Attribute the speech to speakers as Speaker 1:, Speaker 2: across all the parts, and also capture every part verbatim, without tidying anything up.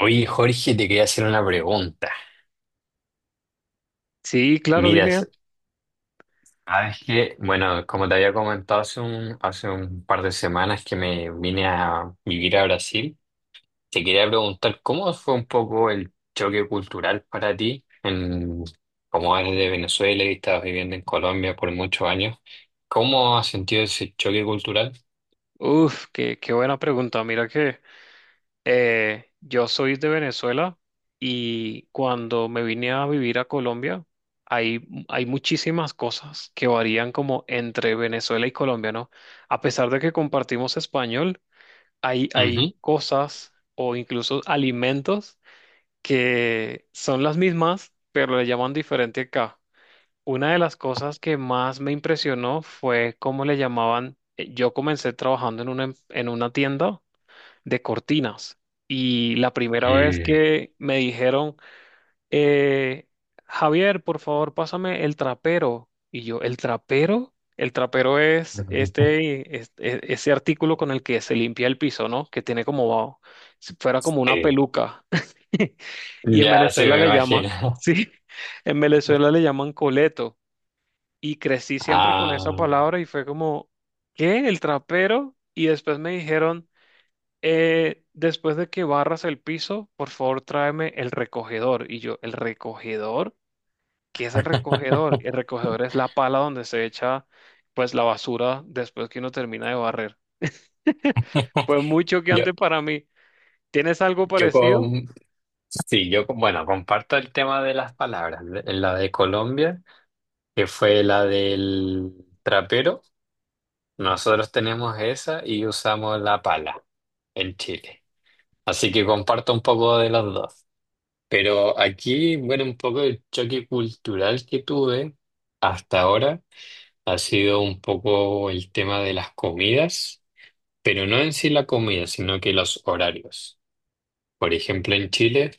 Speaker 1: Oye, Jorge, te quería hacer una pregunta.
Speaker 2: Sí, claro,
Speaker 1: Mira,
Speaker 2: dime.
Speaker 1: sabes que, bueno, como te había comentado hace un, hace un par de semanas que me vine a vivir a Brasil, te quería preguntar cómo fue un poco el choque cultural para ti, en, como eres de Venezuela y estabas viviendo en Colombia por muchos años. ¿Cómo has sentido ese choque cultural?
Speaker 2: Uf, qué, qué buena pregunta. Mira que eh, yo soy de Venezuela y cuando me vine a vivir a Colombia, hay, hay muchísimas cosas que varían como entre Venezuela y Colombia, ¿no? A pesar de que compartimos español, hay, hay
Speaker 1: Ujú.
Speaker 2: cosas o incluso alimentos que son las mismas, pero le llaman diferente acá. Una de las cosas que más me impresionó fue cómo le llamaban. eh, Yo comencé trabajando en una, em- en una tienda de cortinas y la primera vez
Speaker 1: Mm.
Speaker 2: que me dijeron, eh, Javier, por favor, pásame el trapero. Y yo, ¿el trapero? El trapero es este, es- e- ese artículo con el que se limpia el piso, ¿no? Que tiene como, si fuera como una
Speaker 1: Eh,
Speaker 2: peluca. Y en
Speaker 1: ya se
Speaker 2: Venezuela
Speaker 1: me
Speaker 2: le llaman,
Speaker 1: imagino.
Speaker 2: sí, en Venezuela le llaman coleto. Y crecí siempre con esa
Speaker 1: Ah.
Speaker 2: palabra y fue como, ¿qué? ¿El trapero? Y después me dijeron, eh, después de que barras el piso, por favor tráeme el recogedor. Y yo, ¿el recogedor? ¿Qué es el recogedor? El recogedor es la pala donde se echa pues la basura después que uno termina de barrer. Fue muy
Speaker 1: Yo,
Speaker 2: choqueante para mí. ¿Tienes algo
Speaker 1: Yo
Speaker 2: parecido?
Speaker 1: con, sí, yo con- bueno, comparto el tema de las palabras. La de Colombia, que fue la del trapero, nosotros tenemos esa y usamos la pala en Chile. Así que comparto un poco de los dos. Pero aquí, bueno, un poco el choque cultural que tuve hasta ahora ha sido un poco el tema de las comidas, pero no en sí la comida, sino que los horarios. Por ejemplo, en Chile.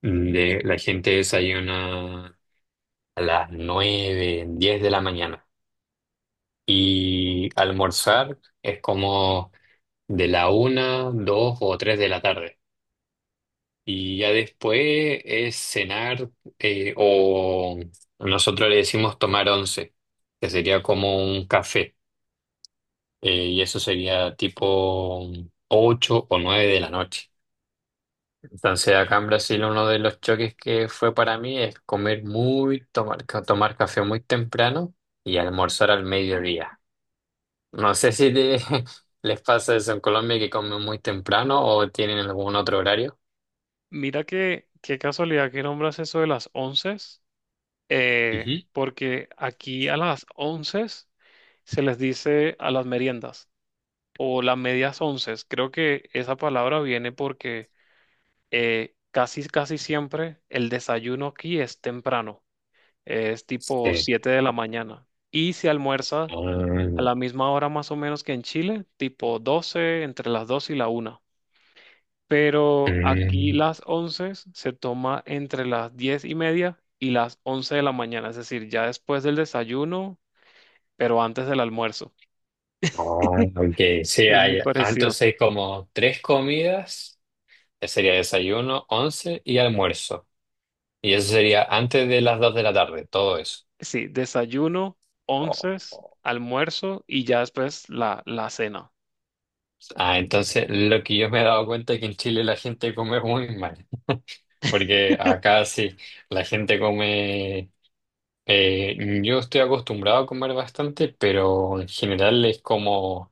Speaker 1: De, la gente desayuna a las nueve diez de la mañana. Y almorzar es como de la una dos o tres de la tarde. Y ya después es cenar, eh, o nosotros le decimos tomar once, que sería como un café. Eh, y eso sería tipo ocho o nueve de la noche. Entonces, acá en Brasil uno de los choques que fue para mí es comer muy, tomar, ca- tomar café muy temprano y almorzar al mediodía. No sé si te- les pasa eso en Colombia que comen muy temprano o tienen algún otro horario.
Speaker 2: Mira que, qué casualidad que nombras eso de las once. Eh,
Speaker 1: Ujú.
Speaker 2: porque aquí a las once se les dice a las meriendas o las medias once. Creo que esa palabra viene porque eh, casi, casi siempre el desayuno aquí es temprano, es tipo
Speaker 1: Sí.
Speaker 2: siete de la mañana y se almuerza a
Speaker 1: Mm,
Speaker 2: la misma hora más o menos que en Chile, tipo doce entre las dos y la una. Pero aquí
Speaker 1: mm,
Speaker 2: las once se toma entre las diez y media y las once de la mañana, es decir, ya después del desayuno pero antes del almuerzo.
Speaker 1: ah, ok, sí,
Speaker 2: Es muy
Speaker 1: hay, ah,
Speaker 2: parecido.
Speaker 1: entonces hay como tres comidas, que sería desayuno, once y almuerzo. Y eso sería antes de las dos de la tarde, todo eso.
Speaker 2: Sí, desayuno,
Speaker 1: Oh.
Speaker 2: onces, almuerzo y ya después la, la cena.
Speaker 1: Ah, entonces lo que yo me he dado cuenta es que en Chile la gente come muy mal, porque acá sí, la gente come, eh, yo estoy acostumbrado a comer bastante, pero en general es como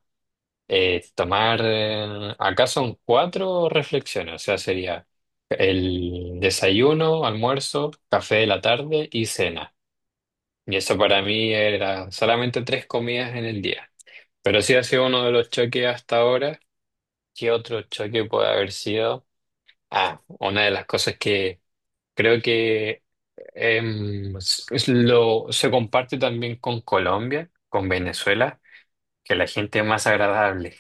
Speaker 1: eh, tomar, eh, acá son cuatro reflexiones, o sea, sería el desayuno, almuerzo, café de la tarde y cena. Y eso para mí era solamente tres comidas en el día, pero sí ha sido uno de los choques hasta ahora. ¿Qué otro choque puede haber sido? Ah, una de las cosas que creo que em, s- es lo, se comparte también con Colombia, con Venezuela, que la gente es más agradable.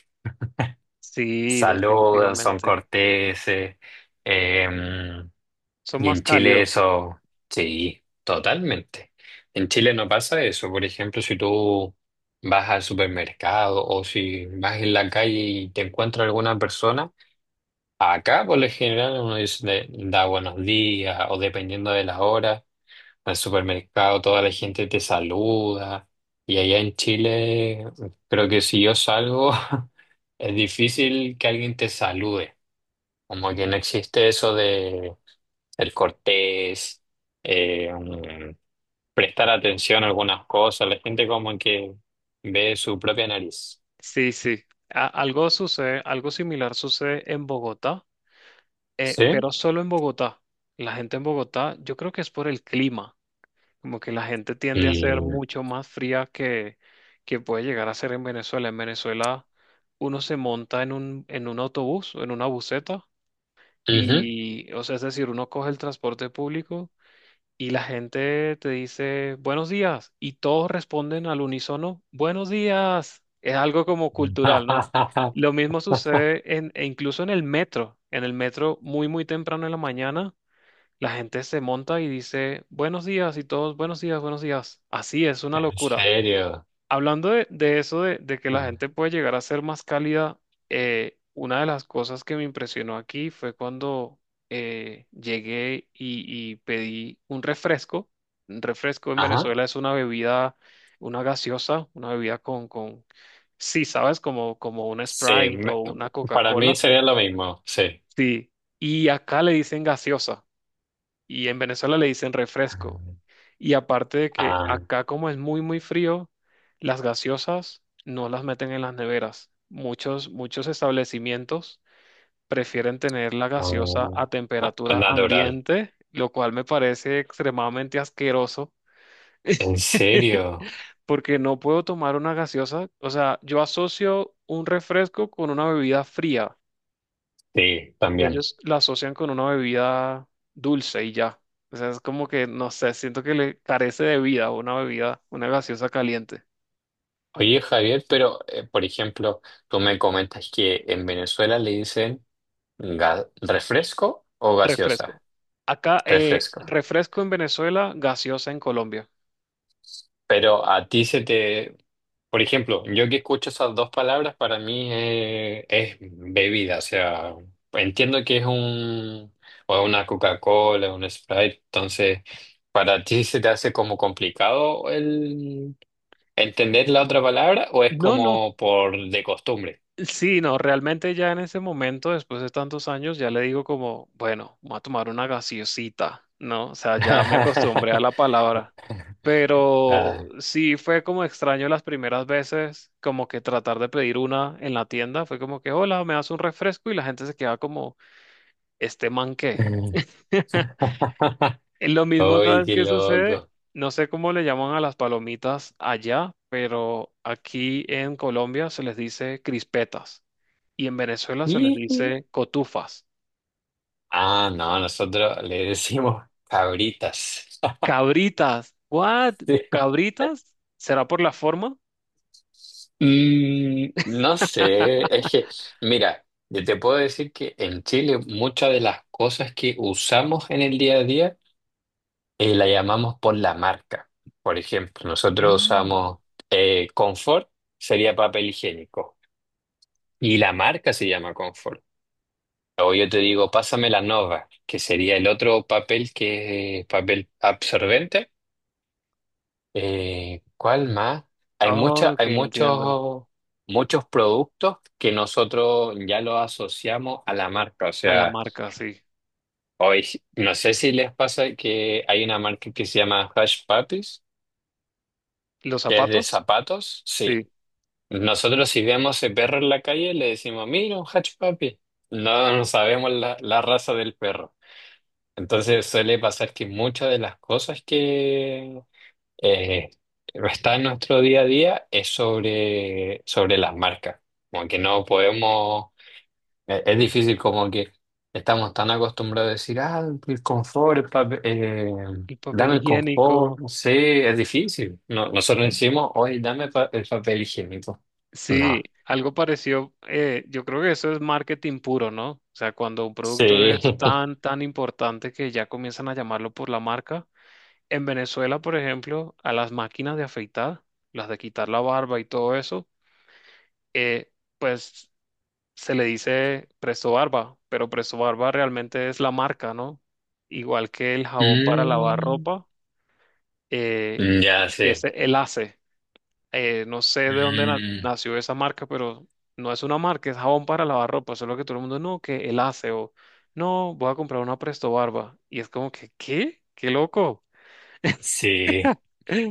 Speaker 2: Sí,
Speaker 1: Saludan, son
Speaker 2: definitivamente.
Speaker 1: corteses. em,
Speaker 2: Son
Speaker 1: y
Speaker 2: más
Speaker 1: en Chile
Speaker 2: cálidos.
Speaker 1: eso, sí, totalmente. En Chile no pasa eso. Por ejemplo, si tú vas al supermercado o si vas en la calle y te encuentras alguna persona, acá, por lo general, uno dice, de- da buenos días o dependiendo de la hora. En el supermercado toda la gente te saluda. Y allá en Chile, creo que si yo salgo, es difícil que alguien te salude. Como que no existe eso de el cortés, eh, um, prestar atención a algunas cosas. La gente como que ve su propia nariz.
Speaker 2: Sí, sí. A- algo sucede, algo similar sucede en Bogotá, eh,
Speaker 1: ¿Sí?
Speaker 2: pero solo en Bogotá. La gente en Bogotá, yo creo que es por el clima, como que la gente tiende a ser
Speaker 1: Mm.
Speaker 2: mucho más fría que, que puede llegar a ser en Venezuela. En Venezuela uno se monta en un, en un autobús o en una buseta.
Speaker 1: Ujú.
Speaker 2: Y, o sea, es decir, uno coge el transporte público y la gente te dice buenos días y todos responden al unísono buenos días. Es algo como cultural, ¿no? Lo mismo sucede en, e incluso en el metro. En el metro, muy, muy temprano en la mañana, la gente se monta y dice buenos días y todos buenos días, buenos días. Así es una
Speaker 1: ¿En
Speaker 2: locura.
Speaker 1: serio?
Speaker 2: Hablando de, de eso, de, de que la gente puede llegar a ser más cálida, eh, una de las cosas que me impresionó aquí fue cuando eh, llegué y, y pedí un refresco. Un refresco en
Speaker 1: Ajá.
Speaker 2: Venezuela es una bebida, una gaseosa, una bebida con, con, sí, sabes, como, como una
Speaker 1: Sí,
Speaker 2: Sprite
Speaker 1: me-
Speaker 2: o una
Speaker 1: para mí
Speaker 2: Coca-Cola.
Speaker 1: sería lo mismo, sí.
Speaker 2: Sí. Y acá le dicen gaseosa y en Venezuela le dicen refresco. Y aparte de que
Speaker 1: Ah,
Speaker 2: acá como es muy, muy frío, las gaseosas no las meten en las neveras. Muchos, muchos establecimientos prefieren tener la gaseosa
Speaker 1: no.
Speaker 2: a
Speaker 1: Ah,
Speaker 2: temperatura
Speaker 1: natural.
Speaker 2: ambiente, lo cual me parece extremadamente asqueroso,
Speaker 1: ¿En serio?
Speaker 2: porque no puedo tomar una gaseosa. O sea, yo asocio un refresco con una bebida fría.
Speaker 1: Sí,
Speaker 2: y
Speaker 1: también.
Speaker 2: Ellos la asocian con una bebida dulce y ya. O sea, es como que, no sé, siento que le carece de vida una bebida, una gaseosa caliente.
Speaker 1: Oye, Javier, pero, eh, por ejemplo, tú me comentas que en Venezuela le dicen ga- refresco o gaseosa.
Speaker 2: Refresco. Acá, eh,
Speaker 1: Refresco.
Speaker 2: refresco en Venezuela, gaseosa en Colombia.
Speaker 1: Pero a ti se te... Por ejemplo, yo que escucho esas dos palabras, para mí eh, es, bebida. O sea, entiendo que es un... o una Coca-Cola, un Sprite. Entonces, ¿para ti se te hace como complicado el entender la otra palabra o es
Speaker 2: No, no.
Speaker 1: como por de costumbre?
Speaker 2: Sí, no, realmente ya en ese momento, después de tantos años, ya le digo como, bueno, voy a tomar una gaseosita, ¿no? O sea, ya me acostumbré a la palabra. Pero
Speaker 1: Ah.
Speaker 2: sí fue como extraño las primeras veces, como que tratar de pedir una en la tienda, fue como que, hola, me das un refresco y la gente se queda como, ¿este man qué? Eh, Lo mismo,
Speaker 1: Uy,
Speaker 2: ¿sabes
Speaker 1: qué
Speaker 2: qué sucede?
Speaker 1: loco.
Speaker 2: No sé cómo le llaman a las palomitas allá, pero aquí en Colombia se les dice crispetas y en Venezuela se les dice cotufas.
Speaker 1: Ah, no, nosotros le decimos cabritas.
Speaker 2: Cabritas, ¿what? ¿Cabritas? ¿Será por la forma?
Speaker 1: Mm, no sé, es que, mira, yo te puedo decir que en Chile muchas de las cosas que usamos en el día a día eh, la llamamos por la marca. Por ejemplo, nosotros
Speaker 2: Mm.
Speaker 1: usamos eh, Confort, sería papel higiénico, y la marca se llama Confort. O yo te digo, pásame la Nova, que sería el otro papel que es papel absorbente. Eh, ¿cuál más? Hay mucha,
Speaker 2: Oh, que
Speaker 1: hay
Speaker 2: entiendo.
Speaker 1: muchos, muchos productos que nosotros ya los asociamos a la marca. O
Speaker 2: A la
Speaker 1: sea,
Speaker 2: marca, sí.
Speaker 1: hoy si, no sé si les pasa que hay una marca que se llama Hush Puppies,
Speaker 2: ¿Los
Speaker 1: que es de
Speaker 2: zapatos?
Speaker 1: zapatos. Sí.
Speaker 2: Sí.
Speaker 1: Nosotros si vemos ese perro en la calle le decimos, mira, un Hush Puppy. No, no sabemos la, la raza del perro. Entonces suele pasar que muchas de las cosas que eh, está en nuestro día a día es sobre, sobre las marcas. Como que no podemos, e- es difícil como que estamos tan acostumbrados a decir, ah, el confort, el papel- eh,
Speaker 2: El papel
Speaker 1: dame el confort,
Speaker 2: higiénico.
Speaker 1: no sé, es difícil. No, nosotros decimos, hoy dame pa- el papel higiénico.
Speaker 2: Sí,
Speaker 1: No.
Speaker 2: algo parecido, eh, yo creo que eso es marketing puro, ¿no? O sea, cuando un producto
Speaker 1: Sí.
Speaker 2: es tan, tan importante que ya comienzan a llamarlo por la marca. En Venezuela, por ejemplo, a las máquinas de afeitar, las de quitar la barba y todo eso, eh, pues se le dice Presto Barba, pero Presto Barba realmente es la marca, ¿no? Igual que el jabón para lavar
Speaker 1: Mm,
Speaker 2: ropa, eh,
Speaker 1: ya,
Speaker 2: que es
Speaker 1: sí.
Speaker 2: el A C E. Eh, no sé de dónde na-
Speaker 1: Mm,
Speaker 2: nació esa marca, pero no es una marca, es jabón para lavar ropa, solo que todo el mundo, no, que el hace o no, voy a comprar una Presto Barba. Y es como que, ¿qué? ¡Qué loco!
Speaker 1: sí.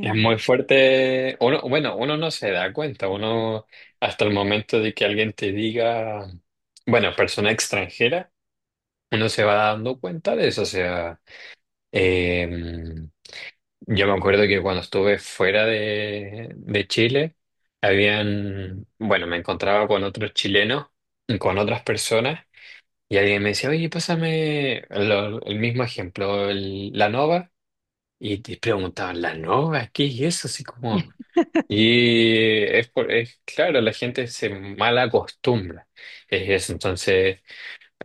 Speaker 1: Es muy fuerte. Uno, bueno, uno no se da cuenta, uno hasta el momento de que alguien te diga, bueno, persona extranjera, uno se va dando cuenta de eso. O sea, eh, yo me acuerdo que cuando estuve fuera de, de Chile, habían, bueno, me encontraba con otros chilenos, con otras personas, y alguien me decía, oye, pásame lo- el mismo ejemplo, el- la nova, y te preguntaban, ¿la nova? ¿Qué es eso? Así como. Y es, por- es claro, la gente se mal acostumbra. Es eso. Entonces,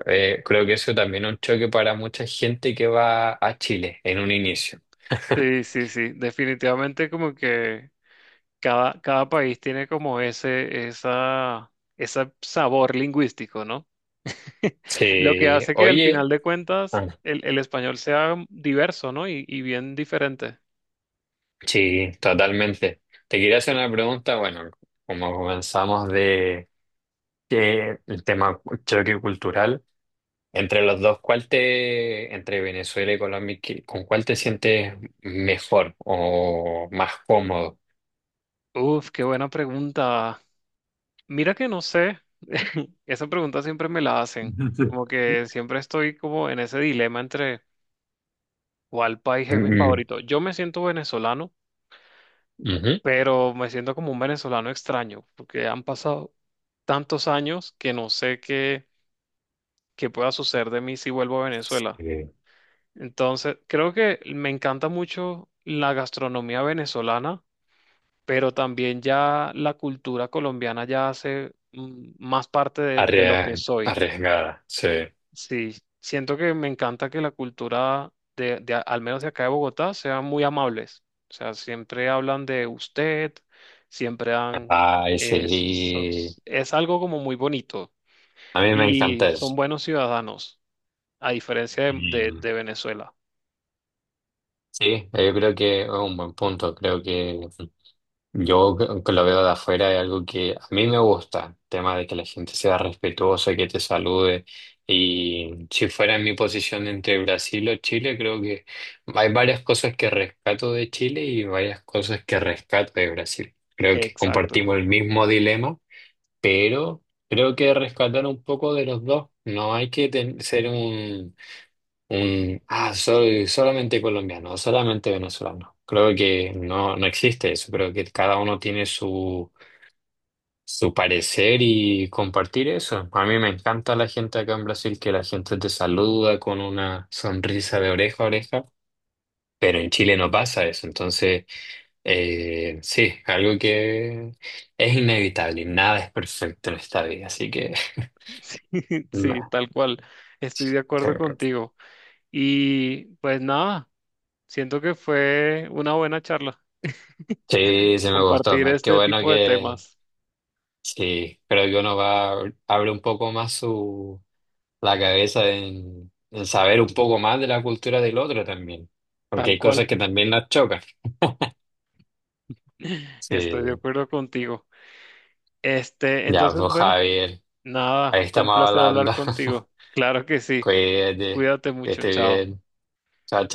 Speaker 1: eh, creo que eso también es un choque para mucha gente que va a Chile en un inicio.
Speaker 2: Sí, sí, sí, definitivamente como que cada, cada país tiene como ese, esa, ese sabor lingüístico, ¿no? Lo que
Speaker 1: Sí,
Speaker 2: hace que al
Speaker 1: oye,
Speaker 2: final de cuentas
Speaker 1: ah,
Speaker 2: el, el español sea diverso, ¿no? Y, y bien diferente.
Speaker 1: sí, totalmente. Te quería hacer una pregunta, bueno, como comenzamos de que el tema choque cultural, entre los dos, ¿cuál te, entre Venezuela y Colombia, qué- con cuál te sientes mejor o más cómodo?
Speaker 2: Uf, qué buena pregunta. Mira que no sé, esa pregunta siempre me la hacen, como que siempre estoy como en ese dilema entre cuál país es mi
Speaker 1: Mm,
Speaker 2: favorito. Yo me siento venezolano,
Speaker 1: ujú.
Speaker 2: pero me siento como un venezolano extraño, porque han pasado tantos años que no sé qué, qué pueda suceder de mí si vuelvo a Venezuela.
Speaker 1: Sí.
Speaker 2: Entonces, creo que me encanta mucho la gastronomía venezolana, pero también ya la cultura colombiana ya hace mm, más parte de de lo que
Speaker 1: Arrie-
Speaker 2: soy.
Speaker 1: Arriesgada, sí.
Speaker 2: Sí, siento que me encanta que la cultura de, de a- al menos de acá de Bogotá, sean muy amables. O sea, siempre hablan de usted, siempre dan,
Speaker 1: Ay,
Speaker 2: es, son-
Speaker 1: sí.
Speaker 2: es algo como muy bonito
Speaker 1: A mí me
Speaker 2: y
Speaker 1: encanta
Speaker 2: son
Speaker 1: eso.
Speaker 2: buenos ciudadanos, a diferencia de,
Speaker 1: Y,
Speaker 2: de- de Venezuela.
Speaker 1: sí, yo creo que es un buen punto. Creo que yo que lo veo de afuera es algo que a mí me gusta. El tema de que la gente sea respetuosa, que te salude. Y si fuera en mi posición entre Brasil o Chile, creo que hay varias cosas que rescato de Chile y varias cosas que rescato de Brasil. Creo que
Speaker 2: Exacto.
Speaker 1: compartimos el mismo dilema, pero creo que rescatar un poco de los dos. No hay que ten- ser un, un ah, soy solamente colombiano o solamente venezolano. Creo que no, no existe eso. Creo que cada uno tiene su, su parecer y compartir eso. A mí me encanta la gente acá en Brasil, que la gente te saluda con una sonrisa de oreja a oreja. Pero en Chile no pasa eso, entonces eh, sí, algo que es inevitable, y nada es perfecto en esta vida, así que
Speaker 2: Sí, sí, tal cual. Estoy de
Speaker 1: sí.
Speaker 2: acuerdo contigo. Y pues nada, siento que fue una buena charla
Speaker 1: Sí sí me gustó.
Speaker 2: compartir
Speaker 1: me- Qué
Speaker 2: este
Speaker 1: bueno
Speaker 2: tipo de
Speaker 1: que
Speaker 2: temas,
Speaker 1: sí, creo que uno va, abre un poco más su, la cabeza en, en saber un poco más de la cultura del otro también, porque
Speaker 2: tal
Speaker 1: hay
Speaker 2: cual.
Speaker 1: cosas que también nos chocan.
Speaker 2: Estoy de
Speaker 1: Sí,
Speaker 2: acuerdo contigo. Este,
Speaker 1: ya,
Speaker 2: entonces,
Speaker 1: pues
Speaker 2: bueno,
Speaker 1: Javier,
Speaker 2: nada,
Speaker 1: ahí
Speaker 2: fue un
Speaker 1: estamos
Speaker 2: placer hablar
Speaker 1: hablando.
Speaker 2: contigo. Claro que sí.
Speaker 1: Cuídate,
Speaker 2: Cuídate
Speaker 1: que
Speaker 2: mucho,
Speaker 1: esté
Speaker 2: chao.
Speaker 1: bien. Chao,